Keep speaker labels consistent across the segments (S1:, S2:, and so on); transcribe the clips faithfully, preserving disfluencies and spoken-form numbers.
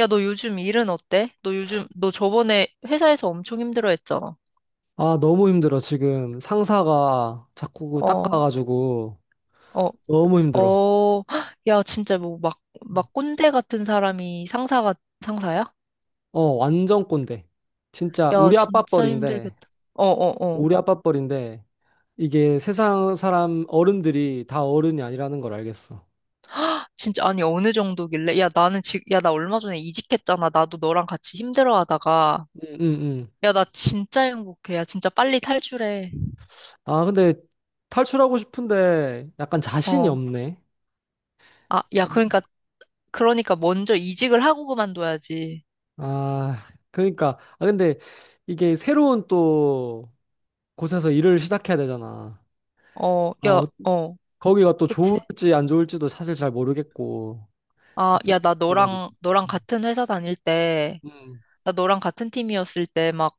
S1: 야, 너 요즘 일은 어때? 너 요즘, 너 저번에 회사에서 엄청 힘들어 했잖아.
S2: 아, 너무 힘들어, 지금. 상사가 자꾸 그
S1: 어,
S2: 닦아가지고
S1: 어,
S2: 너무 힘들어.
S1: 어, 헉. 야, 진짜 뭐 막, 막 꼰대 같은 사람이 상사가, 상사야?
S2: 어, 완전 꼰대. 진짜
S1: 야,
S2: 우리 아빠
S1: 진짜
S2: 뻘인데,
S1: 힘들겠다. 어, 어, 어.
S2: 우리 아빠 뻘인데, 이게 세상 사람 어른들이 다 어른이 아니라는 걸 알겠어.
S1: 진짜, 아니, 어느 정도길래? 야, 나는 지금, 야, 나 얼마 전에 이직했잖아. 나도 너랑 같이 힘들어 하다가.
S2: 응, 응, 응.
S1: 야, 나 진짜 행복해. 야, 진짜 빨리 탈출해.
S2: 아, 근데 탈출하고 싶은데 약간 자신이
S1: 어.
S2: 없네.
S1: 아, 야, 그러니까, 그러니까 먼저 이직을 하고 그만둬야지.
S2: 아, 그러니까. 아, 근데 이게 새로운 또 곳에서 일을 시작해야 되잖아.
S1: 어, 야,
S2: 어,
S1: 어.
S2: 거기가 또
S1: 그치?
S2: 좋을지 안 좋을지도 사실 잘 모르겠고
S1: 아, 야, 나 너랑,
S2: 복박이지.
S1: 너랑
S2: 음.
S1: 같은 회사 다닐 때,
S2: 음.
S1: 나 너랑 같은 팀이었을 때 막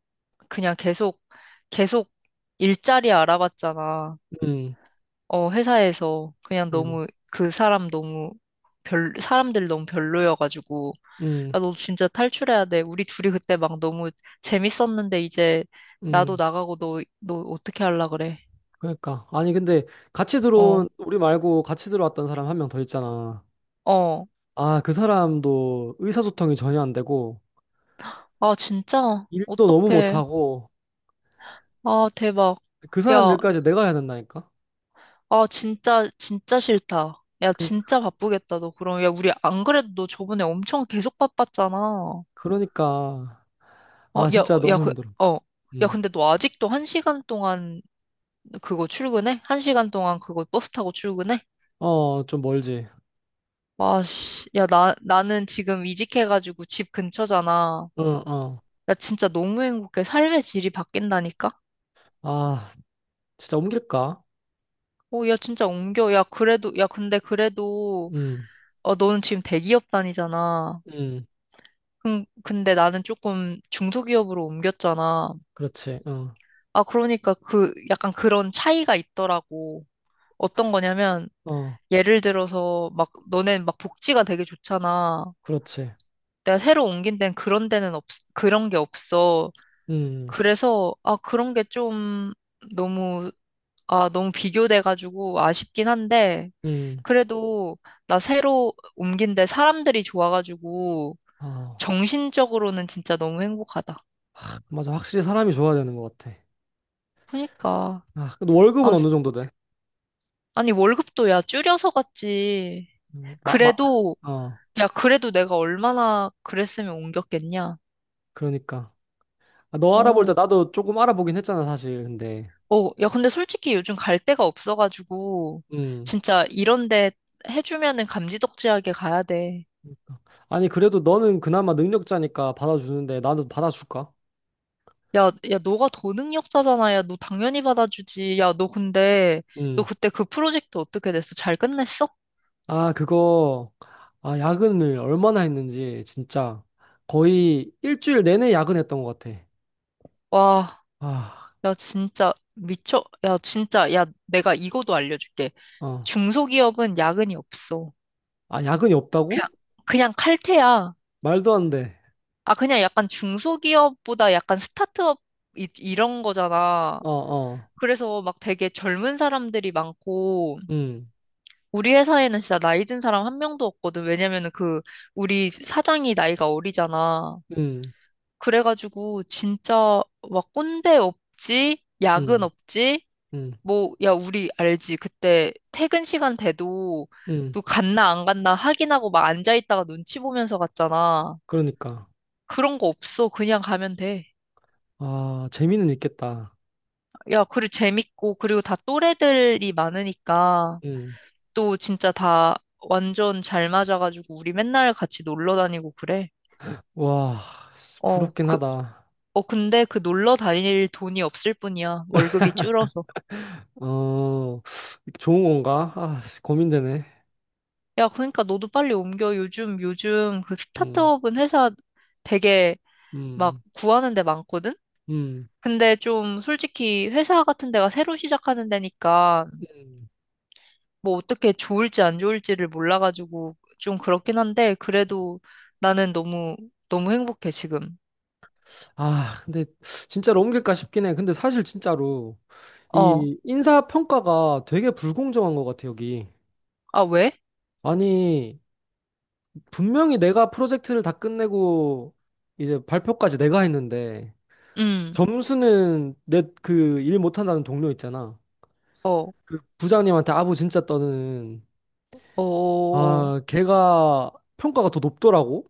S1: 그냥 계속, 계속 일자리 알아봤잖아.
S2: 음.
S1: 어, 회사에서 그냥
S2: 음.
S1: 너무 그 사람 너무 별, 사람들 너무 별로여가지고.
S2: 음.
S1: 야, 너 진짜 탈출해야 돼. 우리 둘이 그때 막 너무 재밌었는데 이제 나도
S2: 음.
S1: 나가고 너, 너 어떻게 할라 그래?
S2: 그러니까 아니 근데 같이
S1: 어,
S2: 들어온 우리 말고 같이 들어왔던 사람 한 명 더 있잖아.
S1: 어.
S2: 아, 그 사람도 의사소통이 전혀 안 되고
S1: 아, 진짜?
S2: 일도 너무
S1: 어떡해.
S2: 못하고
S1: 아, 대박.
S2: 그 사람
S1: 야,
S2: 일까지 내가 해야 된다니까.
S1: 아, 진짜, 진짜 싫다. 야,
S2: 그,
S1: 진짜 바쁘겠다, 너 그럼. 야, 우리 안 그래도 너 저번에 엄청 계속 바빴잖아. 어,
S2: 그러니까 아
S1: 야,
S2: 진짜
S1: 야,
S2: 너무
S1: 그,
S2: 힘들어.
S1: 어. 야,
S2: 음.
S1: 근데 너 아직도 한 시간 동안 그거 출근해? 한 시간 동안 그거 버스 타고 출근해?
S2: 어, 좀 멀지.
S1: 와, 씨. 야, 나, 나는 지금 이직해가지고 집 근처잖아.
S2: 어, 어.
S1: 야, 진짜 너무 행복해. 삶의 질이 바뀐다니까?
S2: 아, 진짜 옮길까?
S1: 오, 야, 진짜 옮겨. 야, 그래도, 야, 근데 그래도,
S2: 음.
S1: 어, 너는 지금 대기업 다니잖아.
S2: 음.
S1: 근- 근데 나는 조금 중소기업으로 옮겼잖아.
S2: 그렇지. 어.
S1: 아, 그러니까 그 약간 그런 차이가 있더라고. 어떤 거냐면
S2: 어.
S1: 예를 들어서 막 너넨 막 복지가 되게 좋잖아.
S2: 그렇지.
S1: 내가 새로 옮긴 데는 그런 데는 없, 그런 게 없어.
S2: 음,
S1: 그래서 아, 그런 게 좀 너무 아, 너무 비교돼가지고 아쉽긴 한데
S2: 음.
S1: 그래도 나 새로 옮긴 데 사람들이 좋아가지고
S2: 아,
S1: 정신적으로는 진짜 너무 행복하다.
S2: 맞아. 확실히 사람이 좋아야 되는 것 같아.
S1: 그러니까.
S2: 아, 근데 월급은
S1: 아,
S2: 어느 정도 돼?
S1: 아니, 월급도 야, 줄여서 갔지.
S2: 음, 마, 마,
S1: 그래도,
S2: 어,
S1: 야, 그래도 내가 얼마나 그랬으면 옮겼겠냐.
S2: 그러니까. 아, 너 알아볼 때
S1: 어,
S2: 나도 조금 알아보긴 했잖아, 사실. 근데,
S1: 어, 야, 근데 솔직히 요즘 갈 데가 없어가지고,
S2: 음.
S1: 진짜 이런 데 해주면은 감지덕지하게 가야 돼.
S2: 아니, 그래도 너는 그나마 능력자니까 받아주는데 나도 받아줄까?
S1: 야, 야, 너가 더 능력자잖아. 야, 너 당연히 받아주지. 야, 너 근데, 너
S2: 음.
S1: 그때 그 프로젝트 어떻게 됐어? 잘 끝냈어?
S2: 아, 그거, 아, 야근을 얼마나 했는지, 진짜. 거의 일주일 내내 야근했던 것 같아.
S1: 와,
S2: 아,
S1: 야, 진짜 미쳐. 야, 진짜, 야, 내가 이거도 알려줄게.
S2: 어.
S1: 중소기업은 야근이 없어.
S2: 아, 야근이 없다고?
S1: 그냥, 그냥 칼퇴야.
S2: 말도 안 돼.
S1: 아, 그냥 약간 중소기업보다 약간 스타트업 이, 이런 거잖아.
S2: 어, 어.
S1: 그래서 막 되게 젊은 사람들이 많고,
S2: 음.
S1: 우리 회사에는 진짜 나이 든 사람 한 명도 없거든. 왜냐면은 그, 우리 사장이 나이가 어리잖아.
S2: 음,
S1: 그래가지고 진짜 막 꼰대 없지, 야근
S2: 음,
S1: 없지,
S2: 음,
S1: 뭐, 야, 우리 알지. 그때 퇴근 시간 돼도
S2: 음.
S1: 또 갔나 안 갔나 확인하고 막 앉아있다가 눈치 보면서 갔잖아.
S2: 그러니까.
S1: 그런 거 없어. 그냥 가면 돼.
S2: 아, 재미는 있겠다.
S1: 야, 그리고 재밌고, 그리고 다 또래들이 많으니까,
S2: 음.
S1: 또 진짜 다 완전 잘 맞아가지고, 우리 맨날 같이 놀러 다니고 그래.
S2: 와,
S1: 어,
S2: 부럽긴
S1: 그,
S2: 하다.
S1: 어, 근데 그 놀러 다닐 돈이 없을 뿐이야. 월급이 줄어서.
S2: 어, 좋은 건가? 아, 고민되네.
S1: 야, 그러니까 너도 빨리 옮겨. 요즘, 요즘 그
S2: 음,
S1: 스타트업은 회사 되게 막
S2: 음,
S1: 구하는 데 많거든?
S2: 음,
S1: 근데 좀 솔직히 회사 같은 데가 새로 시작하는 데니까,
S2: 음.
S1: 뭐 어떻게 좋을지 안 좋을지를 몰라가지고 좀 그렇긴 한데 그래도 나는 너무 너무 행복해 지금.
S2: 아, 근데 진짜로 옮길까 싶긴 해. 근데 사실 진짜로
S1: 어.
S2: 이 인사평가가 되게 불공정한 것 같아, 여기.
S1: 아, 왜?
S2: 아니, 분명히 내가 프로젝트를 다 끝내고 이제 발표까지 내가 했는데
S1: 음.
S2: 점수는 내 그 일 못한다는 동료 있잖아.
S1: 어. 어.
S2: 그 부장님한테 아부 진짜 떠는
S1: 어. 어.
S2: 아 걔가 평가가 더 높더라고.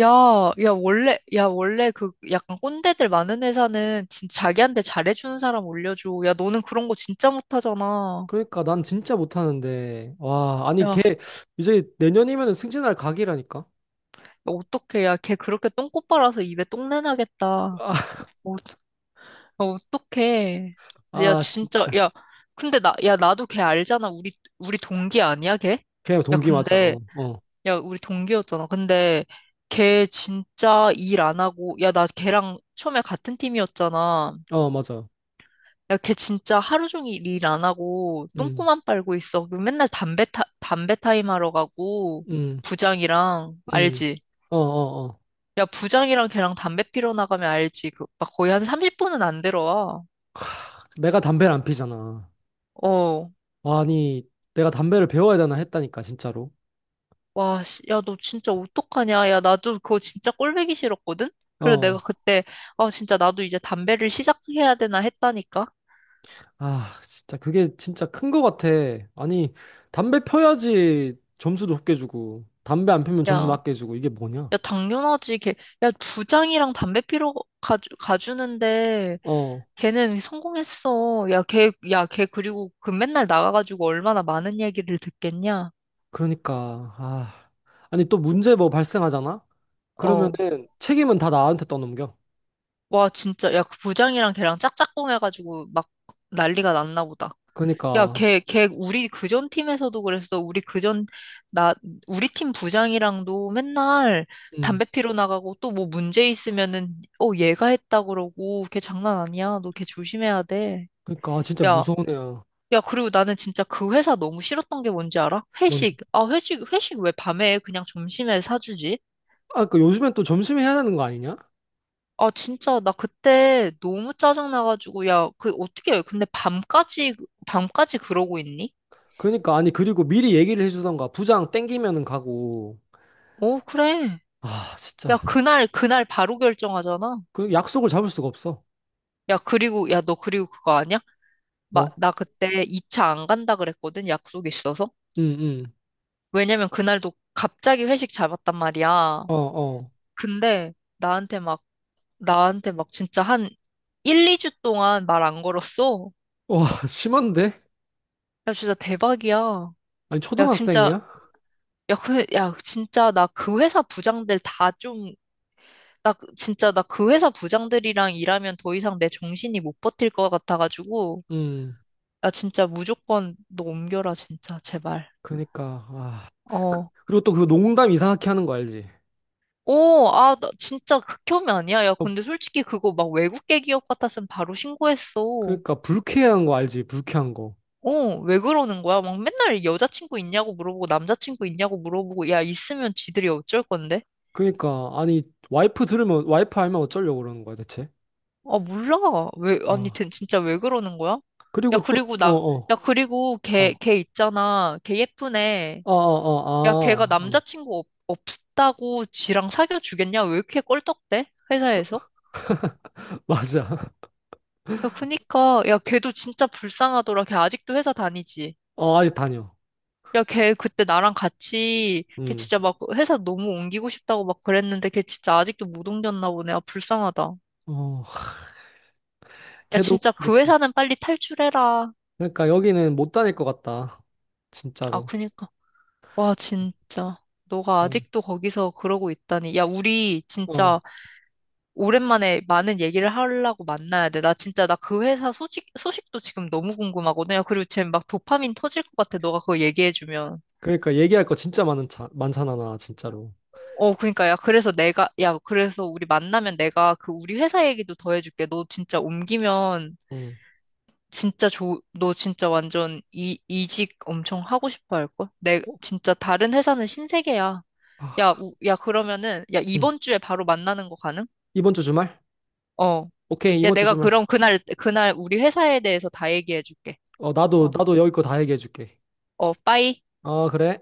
S1: 야, 야 원래 야 원래 그 약간 꼰대들 많은 회사는 진짜 자기한테 잘해주는 사람 올려줘. 야 너는 그런 거 진짜 못하잖아.
S2: 그러니까 난 진짜 못하는데 와
S1: 야
S2: 아니
S1: 야,
S2: 걔 이제 내년이면 승진할 각이라니까.
S1: 어떡해. 야 걔 그렇게 똥꼬 빨아서 입에 똥내 나겠다.
S2: 아,
S1: 어, 어떡해. 야,
S2: 아
S1: 진짜,
S2: 진짜
S1: 야, 근데 나, 야, 나도 걔 알잖아. 우리, 우리 동기 아니야, 걔?
S2: 걔가
S1: 야,
S2: 동기 맞아.
S1: 근데,
S2: 어 어
S1: 야, 우리 동기였잖아. 근데, 걔 진짜 일 안 하고, 야, 나 걔랑 처음에 같은 팀이었잖아.
S2: 어 맞아.
S1: 야, 걔 진짜 하루 종일 일 안 하고, 똥꼬만 빨고 있어. 그 맨날 담배 타, 담배 타임 하러 가고,
S2: 음음음어어어
S1: 부장이랑, 알지? 야, 부장이랑 걔랑 담배 피러 나가면 알지. 그, 막 거의 한 삼십 분 안 들어와.
S2: 내가 담배를 안 피잖아.
S1: 어.
S2: 아니 내가 담배를 배워야 되나 했다니까 진짜로.
S1: 와, 씨, 야, 너 진짜 어떡하냐? 야, 나도 그거 진짜 꼴보기 싫었거든? 그래,
S2: 어.
S1: 내가 그때, 아, 진짜 나도 이제 담배를 시작해야 되나 했다니까?
S2: 아, 진짜 그게 진짜 큰 거 같아. 아니, 담배 펴야지 점수도 높게 주고, 담배 안 피면 점수
S1: 야,
S2: 낮게 주고, 이게 뭐냐?
S1: 야, 당연하지. 걔, 야, 부장이랑 담배 피러 가주, 가주는데,
S2: 어,
S1: 걔는 성공했어. 야, 걔, 야, 걔 그리고 그 맨날 나가가지고 얼마나 많은 얘기를 듣겠냐?
S2: 그러니까, 아. 아니, 또 문제 뭐 발생하잖아?
S1: 어,
S2: 그러면은 책임은 다 나한테 떠넘겨.
S1: 와, 진짜, 야, 그 부장이랑 걔랑 짝짝꿍 해가지고 막 난리가 났나 보다. 야,
S2: 그러니까,
S1: 걔, 걔, 우리 그전 팀에서도 그랬어. 우리 그전, 나, 우리 팀 부장이랑도 맨날
S2: 음,
S1: 담배 피러 나가고 또 뭐 문제 있으면은, 어, 얘가 했다 그러고, 걔 장난 아니야. 너 걔 조심해야 돼.
S2: 그러니까, 아, 진짜
S1: 야,
S2: 무서운 애야.
S1: 야, 그리고 나는 진짜 그 회사 너무 싫었던 게 뭔지 알아?
S2: 뭔,
S1: 회식. 아, 회식, 회식 왜 밤에 해? 그냥 점심에 사주지?
S2: 아, 그 요즘엔 또 점심에 해야 되는 거 아니냐?
S1: 아, 진짜, 나 그때 너무 짜증나가지고, 야, 그, 어떻게, 근데 밤까지, 밤까지 그러고 있니?
S2: 그러니까, 아니, 그리고 미리 얘기를 해주던가, 부장 땡기면은 가고,
S1: 어, 그래.
S2: 아,
S1: 야,
S2: 진짜.
S1: 그날, 그날 바로 결정하잖아.
S2: 그 약속을 잡을 수가 없어.
S1: 야, 그리고, 야, 너 그리고 그거 아니야? 마,
S2: 뭐?
S1: 나 그때 이 차 안 간다 그랬거든, 약속 있어서.
S2: 응, 응,
S1: 왜냐면 그날도 갑자기 회식 잡았단 말이야.
S2: 어, 어.
S1: 근데 나한테 막, 나한테 막 진짜 한 일, 이 주 동안 말 안 걸었어.
S2: 와, 심한데?
S1: 야, 진짜 대박이야.
S2: 아니,
S1: 야, 진짜,
S2: 초등학생이야?
S1: 야, 그, 야, 진짜 나 그 회사 부장들 다 좀, 나 그- 진짜 나 그 회사 부장들이랑 일하면 더 이상 내 정신이 못 버틸 것 같아가지고.
S2: 음,
S1: 아, 진짜 무조건 너 옮겨라, 진짜. 제발.
S2: 그니까, 아. 그,
S1: 어.
S2: 그리고 또 그 농담 이상하게 하는 거 알지?
S1: 오, 아, 나 진짜 극혐이 아니야. 야,
S2: 어,
S1: 근데 솔직히 그거 막 외국계 기업 같았으면 바로 신고했어.
S2: 그니까, 불쾌한 거 알지? 불쾌한 거.
S1: 어, 왜 그러는 거야? 막 맨날 여자친구 있냐고 물어보고 남자친구 있냐고 물어보고 야, 있으면 지들이 어쩔 건데?
S2: 그니까, 아니, 와이프 들으면, 와이프 알면 어쩌려고 그러는 거야, 대체?
S1: 아, 몰라. 왜, 아니,
S2: 아,
S1: 대- 진짜 왜 그러는 거야? 야,
S2: 그리고 또,
S1: 그리고
S2: 어,
S1: 남,
S2: 어,
S1: 야, 그리고 걔,
S2: 어,
S1: 걔 있잖아. 걔 예쁜 애.
S2: 어, 어,
S1: 야,
S2: 어,
S1: 걔가
S2: 아, 어,
S1: 남자친구 없, 없다고 지랑 사귀어 주겠냐? 왜 이렇게 껄떡대? 회사에서?
S2: 맞아.
S1: 야, 그니까, 야, 걔도 진짜 불쌍하더라. 걔 아직도 회사 다니지.
S2: 어, 아직 다녀.
S1: 야, 걔 그때 나랑 같이, 걔
S2: 음,
S1: 진짜 막 회사 너무 옮기고 싶다고 막 그랬는데, 걔 진짜 아직도 못 옮겼나 보네. 아, 불쌍하다.
S2: 어,
S1: 야,
S2: 걔도
S1: 진짜 그
S2: 그렇고.
S1: 회사는 빨리 탈출해라.
S2: 그니까, 러 여기는 못 다닐 것 같다.
S1: 아,
S2: 진짜로.
S1: 그니까. 와, 진짜. 너가
S2: 어,
S1: 아직도 거기서 그러고 있다니. 야, 우리
S2: 어.
S1: 진짜 오랜만에 많은 얘기를 하려고 만나야 돼. 나 진짜, 나 그 회사 소식, 소식도 지금 너무 궁금하거든. 야, 그리고 쟤 막 도파민 터질 것 같아. 너가 그거 얘기해주면.
S2: 그러니까 얘기할 거 진짜 많은 차, 많잖아, 나 진짜로.
S1: 어, 그러니까 야, 그래서 내가 야, 그래서 우리 만나면 내가 그 우리 회사 얘기도 더 해줄게. 너 진짜 옮기면
S2: 음.
S1: 진짜 좋, 너 진짜 완전 이 이직 엄청 하고 싶어 할 걸? 내
S2: 어?
S1: 진짜 다른 회사는 신세계야. 야,
S2: 아,
S1: 우, 야 그러면은 야
S2: 응.
S1: 이번 주에 바로 만나는 거 가능?
S2: 이번 주 주말?
S1: 어.
S2: 오케이,
S1: 야,
S2: 이번 주
S1: 내가
S2: 주말.
S1: 그럼 그날 그날 우리 회사에 대해서 다 얘기해 줄게.
S2: 어, 나도,
S1: 어,
S2: 나도 여기 거 다 얘기해줄게.
S1: 어, 빠이.
S2: 어, 그래.